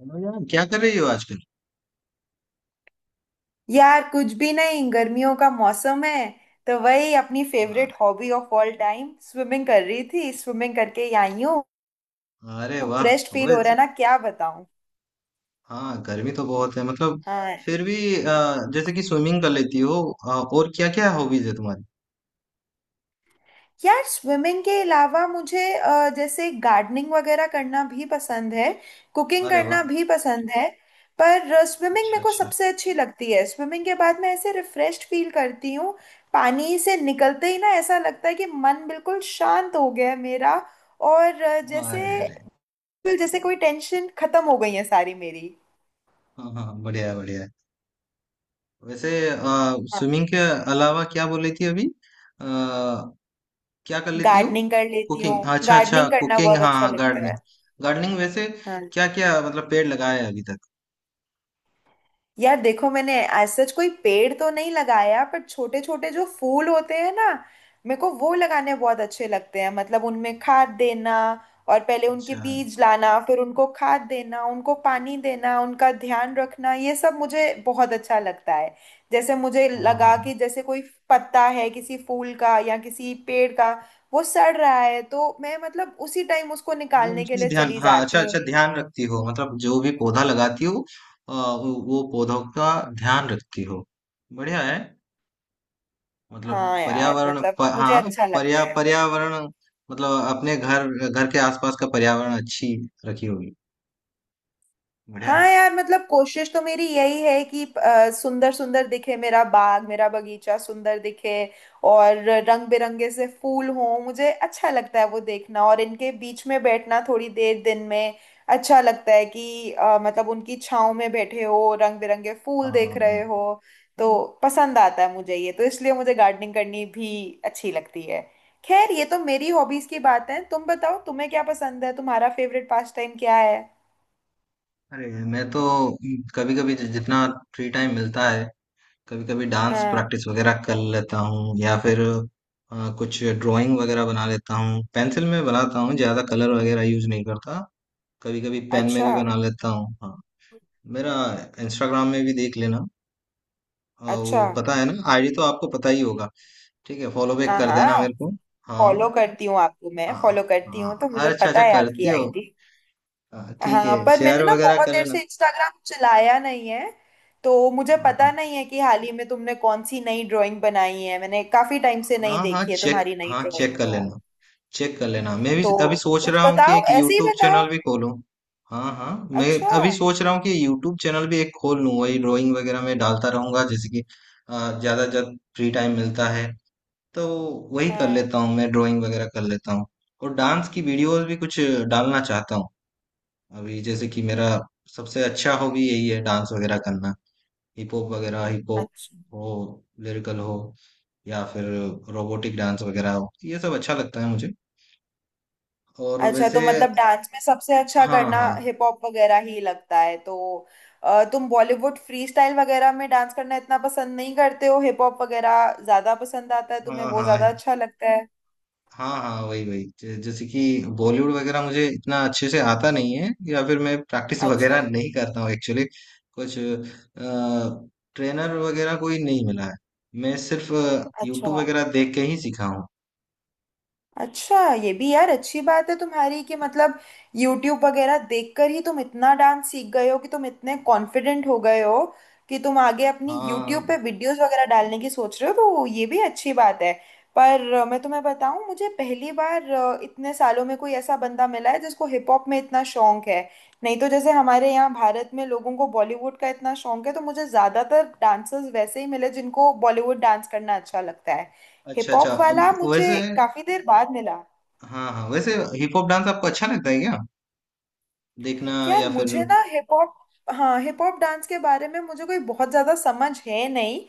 Hello यार, क्या कर रही हो आजकल। यार कुछ भी नहीं, गर्मियों का मौसम है तो वही अपनी वाह, favourite hobby of all time swimming कर रही थी। स्विमिंग करके आई हूँ। अरे वाह। फ्रेश फील हो रहा अवैध। है ना, क्या बताऊँ। हाँ, गर्मी तो बहुत है मतलब। हाँ, फिर भी जैसे कि स्विमिंग कर लेती हो। और क्या क्या हॉबीज है तुम्हारी। यार स्विमिंग के अलावा मुझे जैसे गार्डनिंग वगैरह करना भी पसंद है। कुकिंग अरे करना वाह। भी पसंद है। पर स्विमिंग अच्छा मेरे को अच्छा। सबसे अच्छी लगती है। स्विमिंग के बाद मैं ऐसे रिफ्रेश फील करती हूँ। पानी से निकलते ही ना ऐसा लगता है कि मन बिल्कुल शांत हो गया है मेरा। और अ, हाँ, अरे जैसे अरे। बिल्कुल जैसे कोई टेंशन खत्म हो गई है सारी मेरी। हाँ हाँ बढ़िया है, बढ़िया है। वैसे हाँ, स्विमिंग के अलावा क्या बोल रही थी अभी क्या कर लेती हो। गार्डनिंग कर लेती हूँ। कुकिंग, अच्छा अच्छा गार्डनिंग करना कुकिंग, बहुत हाँ अच्छा हाँ लगता गार्डनिंग। गार्डनिंग वैसे है। क्या क्या, मतलब पेड़ लगाया है अभी तक। यार देखो, मैंने एज सच कोई पेड़ तो नहीं लगाया, पर छोटे छोटे जो फूल होते हैं ना, मेरे को वो लगाने बहुत अच्छे लगते हैं। मतलब उनमें खाद देना, और पहले उनके अच्छा। बीज लाना, फिर उनको खाद देना, उनको पानी देना, उनका ध्यान रखना, ये सब मुझे बहुत अच्छा लगता है। जैसे मुझे हाँ हाँ, लगा कि जैसे कोई पत्ता है किसी फूल का या किसी पेड़ का, वो सड़ रहा है, तो मैं मतलब उसी टाइम उसको मतलब निकालने के उसमें लिए ध्यान, चली हाँ जाती अच्छा अच्छा, हूँ। ध्यान रखती हो मतलब जो भी पौधा लगाती हो। वो पौधों का ध्यान रखती हो। बढ़िया है। मतलब हाँ यार, पर्यावरण मतलब मुझे हाँ अच्छा लगता है। पर्यावरण। मतलब अपने घर घर के आसपास का पर्यावरण अच्छी रखी होगी। बढ़िया हाँ है। यार, मतलब कोशिश तो मेरी यही है कि सुंदर सुंदर दिखे मेरा बाग, मेरा बगीचा सुंदर दिखे। और रंग बिरंगे से फूल हों, मुझे अच्छा लगता है वो देखना, और इनके बीच में बैठना थोड़ी देर दिन में अच्छा लगता है कि मतलब उनकी छांव में बैठे हो, रंग बिरंगे हाँ फूल देख रहे हाँ। हो। तो पसंद आता है मुझे ये, तो इसलिए मुझे गार्डनिंग करनी भी अच्छी लगती है। खैर, ये तो मेरी हॉबीज की बात है। तुम बताओ, तुम्हें क्या पसंद है? तुम्हारा फेवरेट पास टाइम क्या है? अरे, मैं तो कभी कभी जितना फ्री टाइम मिलता है, कभी कभी डांस हाँ। प्रैक्टिस वगैरह कर लेता हूँ, या फिर कुछ ड्राइंग वगैरह बना लेता हूँ। पेंसिल में बनाता हूँ, ज्यादा कलर वगैरह यूज नहीं करता। कभी कभी पेन में अच्छा भी बना लेता हूँ, हाँ। मेरा इंस्टाग्राम में भी देख लेना। अच्छा। वो पता है ना, आईडी तो आपको पता ही होगा। ठीक है, फॉलो बैक हाँ कर देना हाँ, मेरे को। हाँ फॉलो करती हूँ आपको। मैं हाँ। फॉलो करती हूँ हाँ, तो मुझे अरे अच्छा पता अच्छा है करते आपकी हो। आईडी। हाँ, ठीक है, हाँ, पर मैंने शेयर ना वगैरह बहुत कर देर लेना। से इंस्टाग्राम चलाया नहीं है, तो मुझे हाँ हाँ। पता नहीं है कि हाल ही में तुमने कौन सी नई ड्राइंग बनाई है। मैंने काफी टाइम से नहीं हाँ हाँ देखी है चेक, तुम्हारी नई हाँ चेक ड्राइंग, कर लेना, चेक कर लेना। मैं भी तो अभी सोच कुछ रहा हूँ कि बताओ, एक ऐसे ही यूट्यूब बताओ। चैनल भी खोलूँ। हाँ हाँ। मैं अच्छा। अभी सोच रहा हूँ कि यूट्यूब चैनल भी एक खोल लूँ, वही ड्राइंग वगैरह में डालता रहूंगा। जैसे कि ज्यादा जब फ्री टाइम मिलता है तो वही कर हाँ, लेता हूँ, मैं ड्राइंग वगैरह कर लेता हूँ। और डांस की वीडियोस भी कुछ डालना चाहता हूँ। अभी जैसे कि मेरा सबसे अच्छा हॉबी यही है, डांस वगैरह करना। हिप हॉप वगैरह, हिप हॉप अच्छा हो, लिरिकल हो, या फिर रोबोटिक डांस वगैरह हो, ये सब अच्छा लगता है मुझे। और अच्छा। वैसे, तो मतलब डांस में सबसे अच्छा हाँ करना हाँ। हिप हॉप वगैरह ही लगता है, तो तुम बॉलीवुड फ्री स्टाइल वगैरह में डांस करना इतना पसंद नहीं करते हो? हिप हॉप वगैरह ज्यादा पसंद आता है तुम्हें, हाँ वो हाँ। ज्यादा अच्छा लगता है? हाँ हाँ वही वही जैसे कि बॉलीवुड वगैरह मुझे इतना अच्छे से आता नहीं है, या फिर मैं प्रैक्टिस वगैरह अच्छा। नहीं करता हूँ एक्चुअली। कुछ ट्रेनर वगैरह कोई नहीं मिला है, मैं सिर्फ अच्छा। यूट्यूब वगैरह देख के ही सीखा हूँ। अच्छा, ये भी यार अच्छी बात है तुम्हारी कि मतलब YouTube वगैरह देखकर ही तुम इतना डांस सीख गए हो कि तुम इतने कॉन्फिडेंट हो गए हो कि तुम आगे अपनी YouTube हाँ पे वीडियोस वगैरह डालने की सोच रहे हो, तो ये भी अच्छी बात है। पर मैं तुम्हें बताऊं, मुझे पहली बार इतने सालों में कोई ऐसा बंदा मिला है जिसको हिप हॉप में इतना शौक है। नहीं तो जैसे हमारे यहाँ भारत में लोगों को बॉलीवुड का इतना शौक है, तो मुझे ज्यादातर डांसर्स वैसे ही मिले जिनको बॉलीवुड डांस करना अच्छा लगता है। हिप अच्छा अच्छा हॉप वाला अब वैसे, मुझे काफी देर बाद मिला। हाँ हाँ वैसे हिप हॉप डांस आपको अच्छा लगता है क्या? देखना, यार या फिर, मुझे ना हिप हॉप, हाँ हिप हॉप डांस के बारे में मुझे कोई बहुत ज़्यादा समझ है नहीं।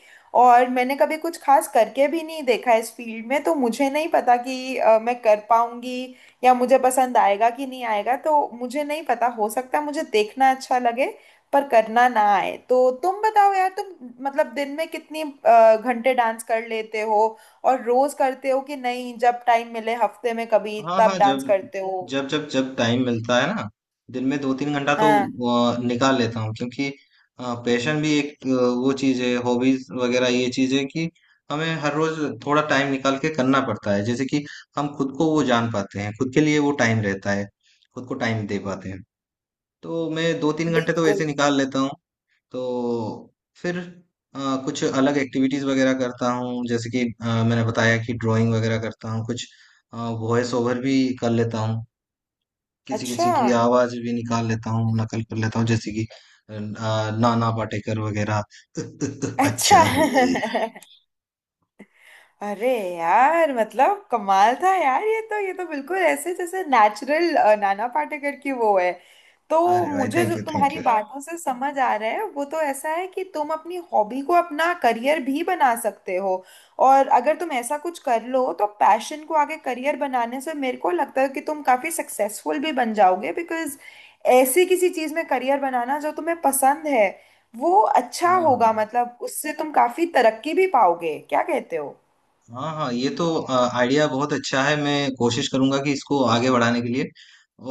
और मैंने कभी कुछ खास करके भी नहीं देखा इस फील्ड में, तो मुझे नहीं पता कि मैं कर पाऊंगी या मुझे पसंद आएगा कि नहीं आएगा। तो मुझे नहीं पता, हो सकता है मुझे देखना अच्छा लगे पर करना ना आए। तो तुम बताओ यार, तुम मतलब दिन में कितनी घंटे डांस कर लेते हो? और रोज करते हो कि नहीं, जब टाइम मिले हफ्ते में कभी हाँ हाँ तब डांस जब करते हो? जब जब जब टाइम मिलता है ना, दिन में 2-3 घंटा तो हाँ। निकाल लेता हूँ, क्योंकि पैशन भी एक वो चीज है, हॉबीज वगैरह ये चीज है कि हमें हर रोज थोड़ा टाइम निकाल के करना पड़ता है। जैसे कि हम खुद को वो जान पाते हैं, खुद के लिए वो टाइम रहता है, खुद को टाइम दे पाते हैं। तो मैं 2-3 घंटे तो बिल्कुल। ऐसे निकाल लेता हूँ। तो फिर अ, कुछ अलग एक्टिविटीज वगैरह करता हूँ, जैसे कि मैंने बताया कि ड्राइंग वगैरह करता हूँ, कुछ वॉइस ओवर भी कर लेता हूँ। किसी किसी अच्छा। की आवाज भी निकाल लेता हूँ, नकल कर लेता हूँ, जैसे कि अ, नाना पाटेकर वगैरह। अच्छा अच्छा। है। अरे यार, मतलब कमाल था यार ये तो। ये तो बिल्कुल ऐसे जैसे नेचुरल नाना पाटेकर की वो है तो। अरे भाई, मुझे थैंक जो यू, थैंक तुम्हारी यू। बातों से समझ आ रहा है, वो तो ऐसा है कि तुम अपनी हॉबी को अपना करियर भी बना सकते हो। और अगर तुम ऐसा कुछ कर लो तो पैशन को आगे करियर बनाने से मेरे को लगता है कि तुम काफी सक्सेसफुल भी बन जाओगे, बिकॉज ऐसी किसी चीज में करियर बनाना जो तुम्हें पसंद है, वो अच्छा हाँ हाँ। होगा। मतलब उससे तुम काफी तरक्की भी पाओगे, क्या कहते हो? हाँ हाँ ये तो आइडिया बहुत अच्छा है, मैं कोशिश करूंगा कि इसको आगे बढ़ाने के लिए।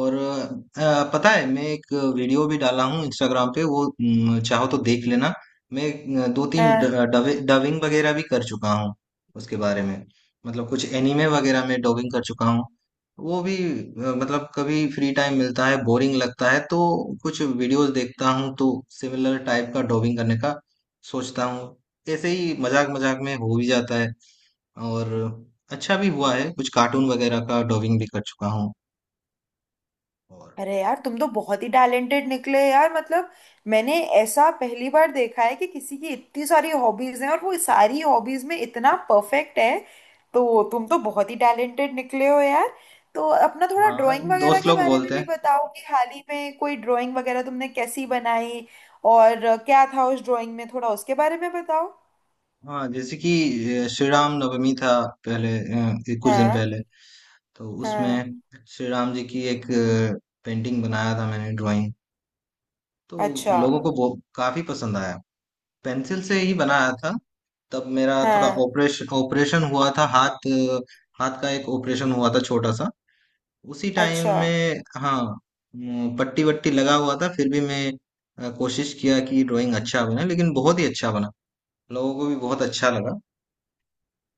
और पता है, मैं एक वीडियो भी डाला हूँ इंस्टाग्राम पे, वो चाहो तो देख लेना। मैं दो तीन हाँ। डबिंग वगैरह भी कर चुका हूँ उसके बारे में। मतलब कुछ एनिमे वगैरह में डबिंग कर चुका हूँ। वो भी मतलब कभी फ्री टाइम मिलता है, बोरिंग लगता है तो कुछ वीडियोस देखता हूँ, तो सिमिलर टाइप का डबिंग करने का सोचता हूँ। ऐसे ही मजाक मजाक में हो भी जाता है। और अच्छा भी हुआ है, कुछ कार्टून वगैरह का डबिंग भी कर चुका हूँ। और, अरे यार, तुम तो बहुत ही टैलेंटेड निकले यार। मतलब मैंने ऐसा पहली बार देखा है कि किसी की इतनी सारी हॉबीज हैं और वो सारी हॉबीज में इतना परफेक्ट है। तो तुम तो बहुत ही टैलेंटेड निकले हो यार। तो अपना थोड़ा हाँ ड्राइंग वगैरह दोस्त के लोग बारे में बोलते भी हैं। बताओ कि हाल ही में कोई ड्राइंग वगैरह तुमने कैसी बनाई, और क्या था उस ड्राइंग में, थोड़ा उसके बारे में बताओ। हाँ, जैसे कि श्री राम नवमी था पहले, ये कुछ दिन हाँ पहले। तो हाँ। उसमें श्री राम जी की एक पेंटिंग बनाया था मैंने, ड्राइंग। तो अच्छा। लोगों को बहुत काफी पसंद आया। पेंसिल से ही बनाया था। तब मेरा थोड़ा हाँ, ऑपरेशन ऑपरेशन हुआ था, हाथ हाथ का एक ऑपरेशन हुआ था, छोटा सा, उसी टाइम अच्छा। में, हाँ। पट्टी वट्टी लगा हुआ था, फिर भी मैं कोशिश किया कि ड्राइंग अच्छा बने, लेकिन बहुत ही अच्छा बना। लोगों को भी बहुत अच्छा लगा।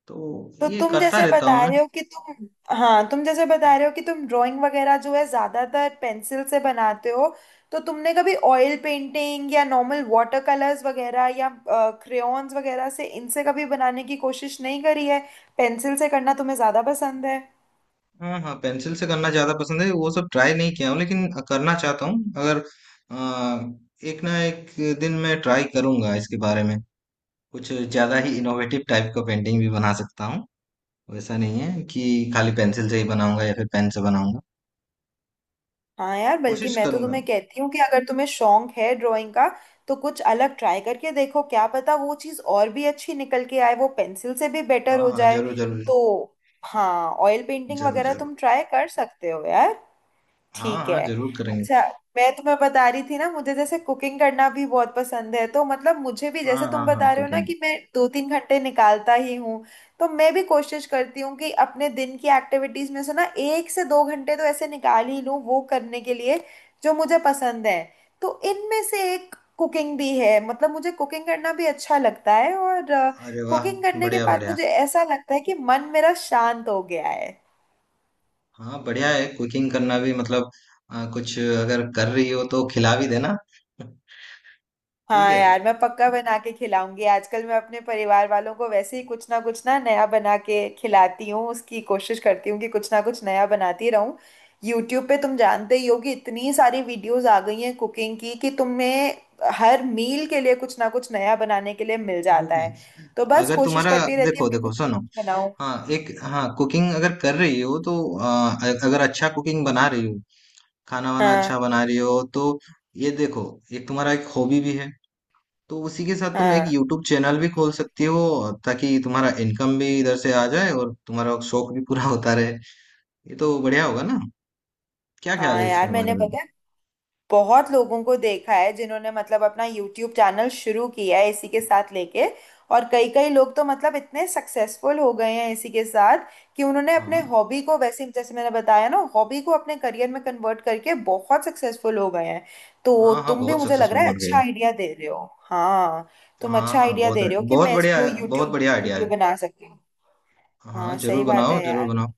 तो तो ये तुम करता जैसे रहता बता हूँ मैं। रहे हो कि तुम, हाँ तुम जैसे बता रहे हो कि तुम ड्राइंग वगैरह जो है ज्यादातर पेंसिल से बनाते हो। तो तुमने कभी ऑयल पेंटिंग या नॉर्मल वाटर कलर्स वगैरह या क्रेयॉन्स वगैरह से, इनसे कभी बनाने की कोशिश नहीं करी है? पेंसिल से करना तुम्हें ज्यादा पसंद है? हाँ हाँ, पेंसिल से करना ज्यादा पसंद है। वो सब ट्राई नहीं किया हूँ, लेकिन करना चाहता हूँ। अगर अ, एक ना एक दिन मैं ट्राई करूंगा इसके बारे में। कुछ ज्यादा ही इनोवेटिव टाइप का पेंटिंग भी बना सकता हूँ। वैसा नहीं है कि खाली पेंसिल से ही बनाऊंगा या फिर पेन से बनाऊंगा। हाँ यार, बल्कि कोशिश मैं तो करूंगा। तुम्हें कहती हूँ कि अगर तुम्हें शौक है ड्राइंग का, तो कुछ अलग ट्राई करके देखो। क्या पता वो चीज़ और भी अच्छी निकल के आए, वो पेंसिल से भी बेटर हाँ हो हाँ, जाए। जरूर जरूर। तो हाँ, ऑयल पेंटिंग ज़रूर, वगैरह ज़रूर। तुम ट्राई कर सकते हो यार। हाँ, ठीक हाँ, है। ज़रूर करेंगे। अच्छा, मैं तुम्हें बता रही थी ना, मुझे जैसे कुकिंग करना भी बहुत पसंद है। तो मतलब मुझे भी, जैसे हाँ, तुम हाँ, हाँ, बता रहे हो ना कुकिंग। कि मैं दो तीन घंटे निकालता ही हूँ, तो मैं भी कोशिश करती हूँ कि अपने दिन की एक्टिविटीज में से ना एक से दो घंटे तो ऐसे निकाल ही लूँ वो करने के लिए जो मुझे पसंद है। तो इनमें से एक कुकिंग भी है। मतलब मुझे कुकिंग करना भी अच्छा लगता है, और अरे वाह! कुकिंग करने के बढ़िया, बाद बढ़िया। मुझे ऐसा लगता है कि मन मेरा शांत हो गया है। हाँ, बढ़िया है कुकिंग करना भी मतलब कुछ अगर कर रही हो तो खिला भी देना। ठीक हाँ है? यार, मैं पक्का बना के खिलाऊंगी। आजकल मैं अपने परिवार वालों को वैसे ही कुछ ना नया बना के खिलाती हूँ। उसकी कोशिश करती हूँ कि कुछ ना कुछ नया बनाती रहूँ। यूट्यूब पे तुम जानते ही हो कि इतनी सारी वीडियोस आ गई हैं कुकिंग की कि तुम्हें हर मील के लिए कुछ ना कुछ नया बनाने के लिए मिल जाता देखिए, है। तो बस अगर कोशिश तुम्हारा, करती रहती देखो, हूँ कि देखो कुछ ना सुनो। कुछ बनाऊँ। हाँ, एक हाँ, कुकिंग अगर कर रही हो तो अगर अच्छा कुकिंग बना रही हो, खाना-वाना अच्छा हाँ। बना रही हो तो, ये देखो, एक तुम्हारा एक हॉबी भी है। तो उसी के साथ तुम एक हाँ। यूट्यूब चैनल भी खोल सकती हो, ताकि तुम्हारा इनकम भी इधर से आ जाए और तुम्हारा शौक भी पूरा होता रहे। ये तो बढ़िया होगा ना। क्या ख्याल हाँ है इसके यार, बारे मैंने, में? पता है, बहुत लोगों को देखा है जिन्होंने मतलब अपना यूट्यूब चैनल शुरू किया है इसी के साथ लेके। और कई कई लोग तो मतलब इतने सक्सेसफुल हो गए हैं इसी के साथ, कि उन्होंने अपने हाँ हॉबी को, वैसे जैसे मैंने बताया ना, हॉबी को अपने करियर में कन्वर्ट करके बहुत सक्सेसफुल हो गए हैं। तो हाँ, हाँ तुम भी, बहुत मुझे लग सक्सेसफुल रहा है, बन गए अच्छा हो। आइडिया दे रहे हो। हाँ, तुम हाँ अच्छा हाँ, आइडिया बहुत दे रहे हो कि बहुत मैं बढ़िया, इसको यूट्यूब बहुत बढ़िया आइडिया वीडियो है। बना सकती हूँ। हाँ, हाँ, सही जरूर बात बनाओ, है जरूर यार। बनाओ।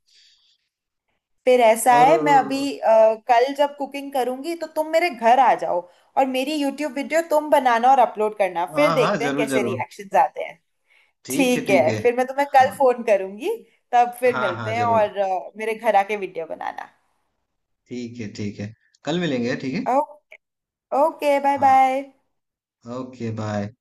फिर ऐसा है, मैं और, अभी कल जब कुकिंग करूंगी तो तुम मेरे घर आ जाओ, और मेरी यूट्यूब वीडियो तुम बनाना और अपलोड करना। फिर हाँ हाँ, देखते हैं जरूर कैसे जरूर, रिएक्शंस आते हैं। ठीक है ठीक ठीक है, है। फिर मैं तुम्हें कल हाँ फोन करूंगी। तब फिर हाँ, हाँ मिलते हैं, जरूर, और मेरे घर आके वीडियो बनाना। ठीक है ठीक है, कल मिलेंगे, ठीक है। ओ, ओके, बाय हाँ, बाय। Okay bye.